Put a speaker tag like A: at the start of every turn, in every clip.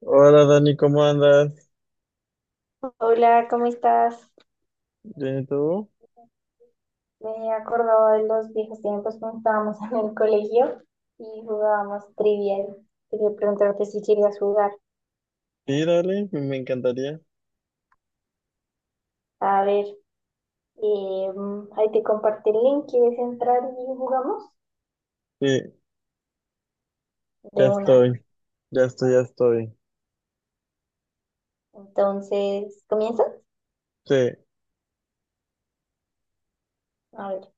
A: Hola Dani, ¿cómo andas?
B: Hola, ¿cómo estás?
A: ¿Bien y tú?
B: Me acordaba de los viejos tiempos cuando estábamos en el colegio y jugábamos trivial. Quería preguntarte si querías jugar.
A: Sí, dale, me encantaría.
B: A ver, eh, ahí te compartí el link. ¿Quieres entrar y jugamos?
A: Sí, ya
B: De una.
A: estoy, ya estoy.
B: Entonces, ¿comienzas?
A: Sí,
B: A ver,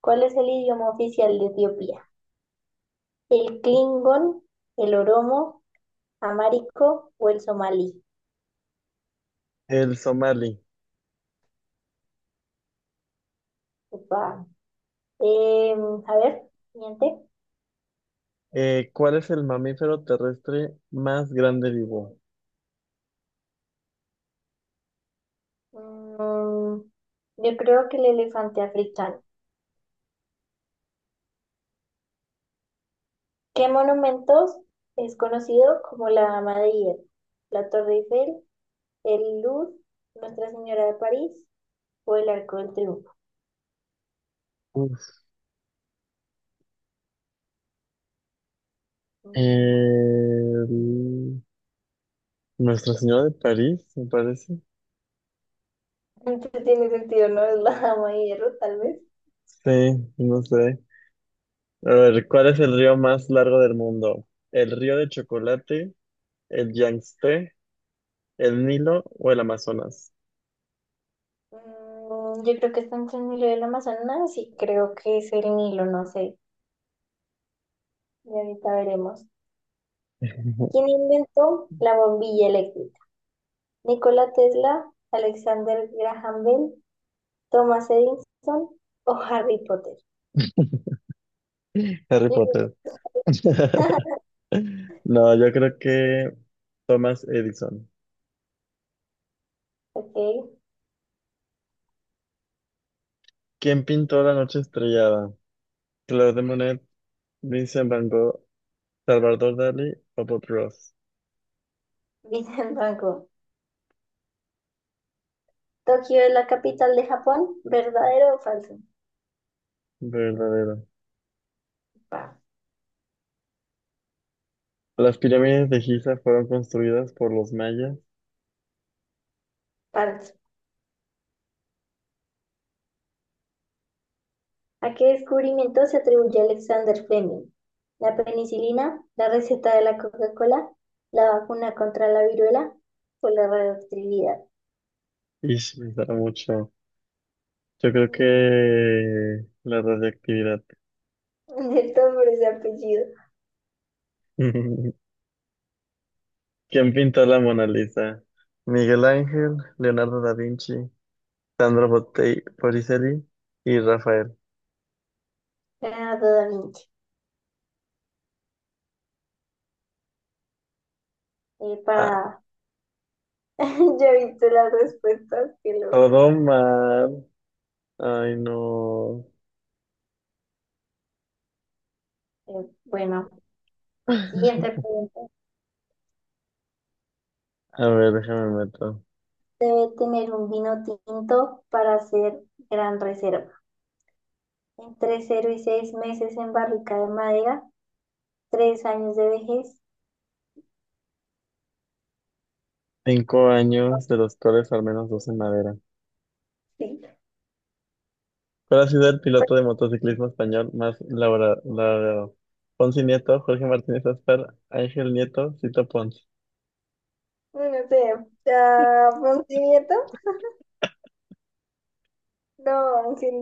B: ¿cuál es el idioma oficial de Etiopía? ¿El Klingon, el Oromo, Amárico o el Somalí?
A: el Somali.
B: Upa. A ver, siguiente.
A: ¿Cuál es el mamífero terrestre más grande vivo?
B: Mm, yo creo que el elefante africano. ¿Qué monumentos es conocido como la Dama de Hierro? La Torre Eiffel, el Louvre, Nuestra Señora de París o el Arco del Triunfo.
A: Uf,
B: Mm,
A: el- Nuestra Señora de París, me parece.
B: entonces tiene sentido, ¿no? Es la Dama de Hierro, tal vez.
A: Sí, no sé. A ver, ¿cuál es el río más largo del mundo? ¿El río de chocolate, el Yangtze, el Nilo o el Amazonas?
B: Yo creo que está entre el Nilo y el Amazonas y creo que es el Nilo, no sé. Y ahorita veremos. ¿Quién inventó la bombilla eléctrica? Nikola Tesla, Alexander Graham Bell, Thomas Edison o Harry Potter.
A: Harry
B: Yo creo
A: Potter.
B: que-
A: No, yo creo que Thomas Edison.
B: Ok,
A: ¿Quién pintó la noche estrellada? Claude de Monet, Vincent Van Gogh, Salvador Dalí o Bob Ross.
B: Vincent Franco. Tokio es la capital de Japón, ¿verdadero o falso?
A: Verdadero.
B: Pa-
A: Las pirámides de Giza fueron construidas por los mayas.
B: Falso. ¿A qué descubrimiento se atribuye Alexander Fleming? ¿La penicilina, la receta de la Coca-Cola, la vacuna contra la viruela o la radioactividad?
A: Y me da mucho. Yo creo
B: Mm,
A: que la radioactividad.
B: De nombre ese apellido.
A: ¿Quién pintó la Mona Lisa? Miguel Ángel, Leonardo da Vinci, Botticelli y Rafael.
B: Leonardo da Vinci.
A: Ah,
B: Para. Ya he visto las respuestas, qué loco.
A: todo mal. Ay, no.
B: Bueno. Siguiente pregunta.
A: A ver, déjame meto.
B: Debe tener un vino tinto para hacer gran reserva. Entre 0 y 6 meses en barrica de madera, 3 años de vejez.
A: Cinco años, de los cuales al menos dos en madera.
B: Sí.
A: ¿Cuál ha sido el
B: ¿Cuál
A: piloto de
B: es?
A: motociclismo español más laureado? Ponce Nieto, Jorge Martínez Aspar, Ángel Nieto, Cito Pons.
B: No sé. ¿Ponce? No, Ángel.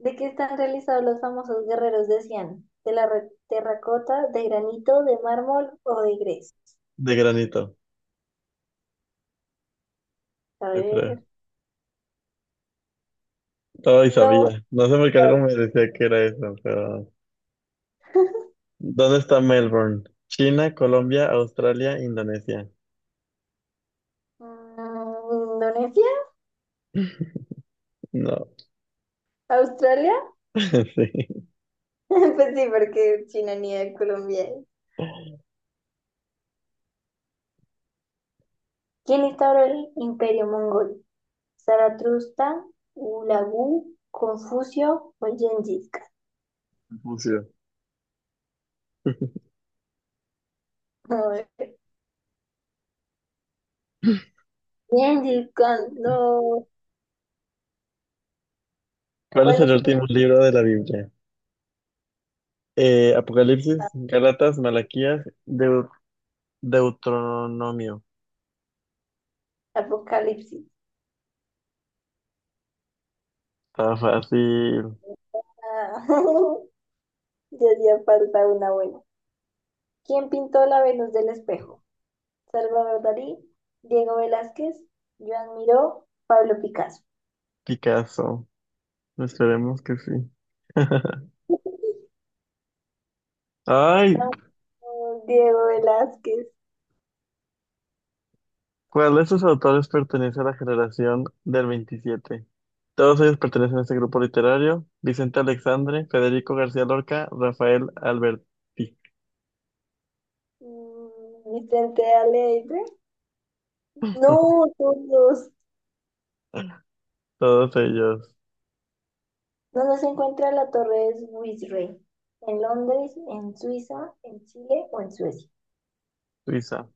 B: ¿De qué están realizados los famosos guerreros de Cian? ¿De la terracota, de granito, de mármol o de gres?
A: De granito,
B: A
A: yo creo.
B: ver.
A: Todo y
B: No.
A: sabía. No sé por qué algo me decía que era eso, pero... ¿Dónde está Melbourne? China, Colombia, Australia, Indonesia.
B: ¿Indonesia?
A: No,
B: ¿Australia?
A: sí.
B: Pues sí, porque China ni de Colombia. ¿Quién instauró el imperio mongol? ¿Zaratustra, Ulagu, Confucio o Gengis Khan?
A: Confucio.
B: A ver, Gengis Khan, no.
A: ¿Cuál es
B: ¿Cuál
A: el
B: es el
A: último libro de la Biblia? Apocalipsis, Gálatas, Malaquías, Deuteronomio.
B: apocalipsis?
A: Está fácil,
B: Ah, ya hacía falta una buena. ¿Quién pintó la Venus del espejo? Salvador Dalí, Diego Velázquez, Joan Miró, Pablo Picasso.
A: Picasso. Esperemos que sí. Ay,
B: No, Diego Velázquez,
A: ¿cuál de estos autores pertenece a la generación del 27? Todos ellos pertenecen a este grupo literario. Vicente Alexandre, Federico García Lorca, Rafael Alberti.
B: Vicente Alegre. No, todos.
A: Todos ellos,
B: ¿Donde se encuentra la Torre de Swissray? ¿En Londres, en Suiza, en Chile o en Suecia?
A: Suiza.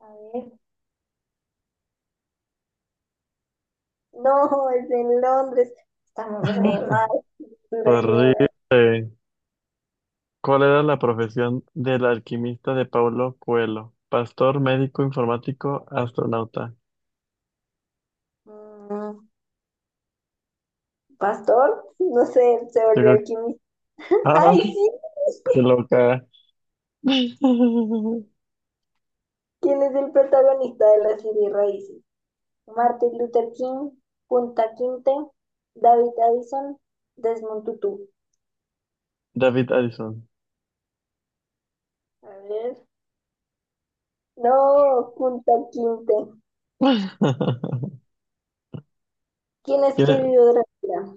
B: A ver. No, es en Londres. Estamos re mal, cultura general.
A: Horrible. ¿Cuál era la profesión del alquimista de Paulo Coelho? Pastor, médico, informático, astronauta.
B: Mm, Pastor, no sé, se
A: Yo
B: volvió
A: creo que...
B: alquimista.
A: ¡Ah!
B: ¡Ay, sí!
A: ¡Qué loca!
B: ¿Quién es el protagonista de la serie Raíces? Martin Luther King, Punta Quinte, David Addison, Desmond Tutu.
A: David Addison.
B: A ver. No, Punta Quinte. ¿Quién
A: ¿Quién es?
B: escribió Drácula?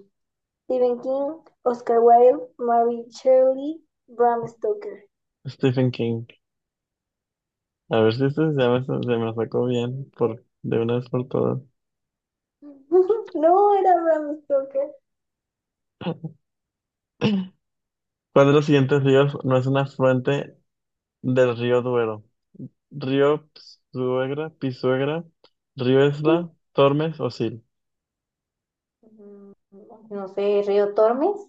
B: Stephen King, Oscar Wilde, Mary Shelley, Bram Stoker.
A: Stephen King. A ver si este ya me, se me lo sacó bien por, de una vez por todas.
B: No era Bram Stoker.
A: ¿Cuál de los siguientes ríos no es un afluente del río Duero? Río Suegra, Pisuegra, Río Esla, Tormes o Sil.
B: Mm, No sé, Río Tormes.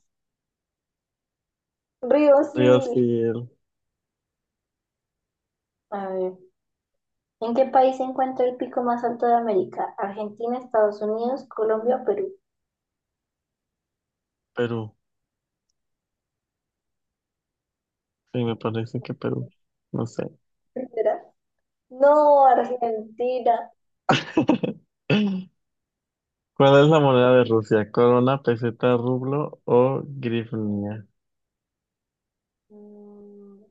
B: Río,
A: Río
B: sí.
A: Sil,
B: A ver, ¿en qué país se encuentra el pico más alto de América? Argentina, Estados Unidos, Colombia, Perú.
A: Perú. Sí, me parece que Perú. No sé.
B: ¿Será? No, Argentina.
A: ¿Cuál es la moneda de Rusia? ¿Corona, peseta, rublo o grivnia?
B: Mm,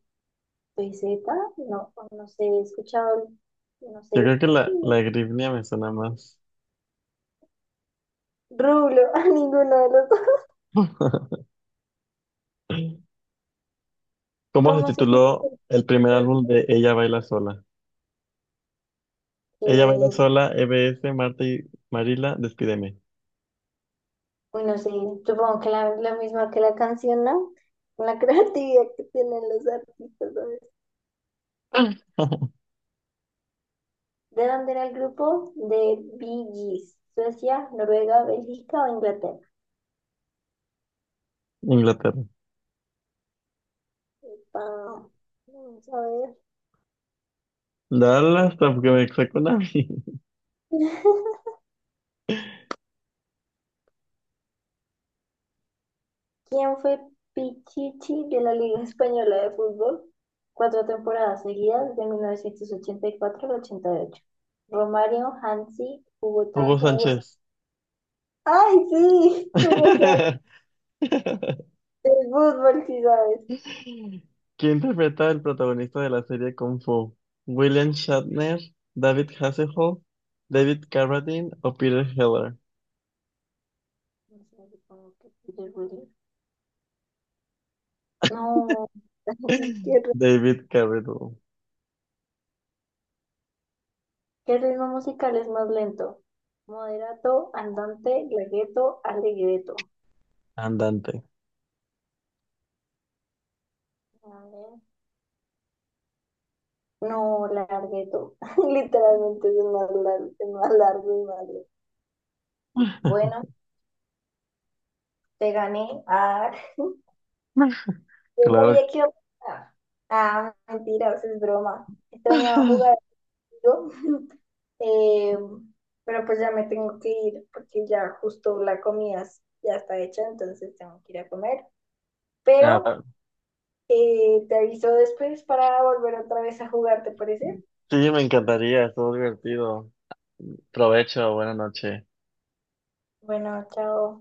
B: ¿Peseta? No, no sé, he escuchado, no sé.
A: Yo creo que
B: Ay,
A: la,
B: no.
A: la grivnia me suena más.
B: Rublo, a ninguno de los dos.
A: ¿Cómo se
B: ¿Cómo se
A: tituló
B: titula?
A: el primer álbum de Ella Baila Sola? Ella Baila
B: Y
A: Sola, EBS, Marta y Marila, Despídeme.
B: bueno, sí, supongo que la misma que la canción, ¿no? La creatividad que tienen los artistas, ¿sabes? ¿De dónde era el grupo? De Bee Gees. Suecia, Noruega, Bélgica o Inglaterra.
A: Inglaterra.
B: Ah, vamos a ver.
A: Dale hasta porque me saco una.
B: ¿Quién fue Pichichi de la Liga Española de Fútbol? 4 temporadas seguidas de 1984 al 88. Romario, Hansi, Hugo, Tan-
A: Hugo
B: Hugo San-
A: Sánchez.
B: ¡Ay, sí! Hugo Sánchez, del fútbol, sí sabes.
A: ¿Quién interpreta al protagonista de la serie Kung Fu? ¿William Shatner, David Hasselhoff, David Carradine o Peter Heller?
B: No sé, supongo que Peter Williams. No. ¿Qué
A: David Carradine,
B: qué ritmo musical es más lento? Moderato, andante, largueto, allegretto.
A: andante.
B: A ver. No, largueto. Literalmente es el más largo y más lento. Bueno, te gané. Ah, yo
A: Claro.
B: sabía que iba a pasar. Ah, mentira, eso es broma. Extrañaba jugar contigo. Eh, pero pues ya me tengo que ir porque ya justo la comida ya está hecha, entonces tengo que ir a comer. Pero
A: Ah,
B: te aviso después para volver otra vez a jugar, ¿te parece?
A: sí, me encantaría, estuvo divertido. Provecho, buena noche.
B: Bueno, chao.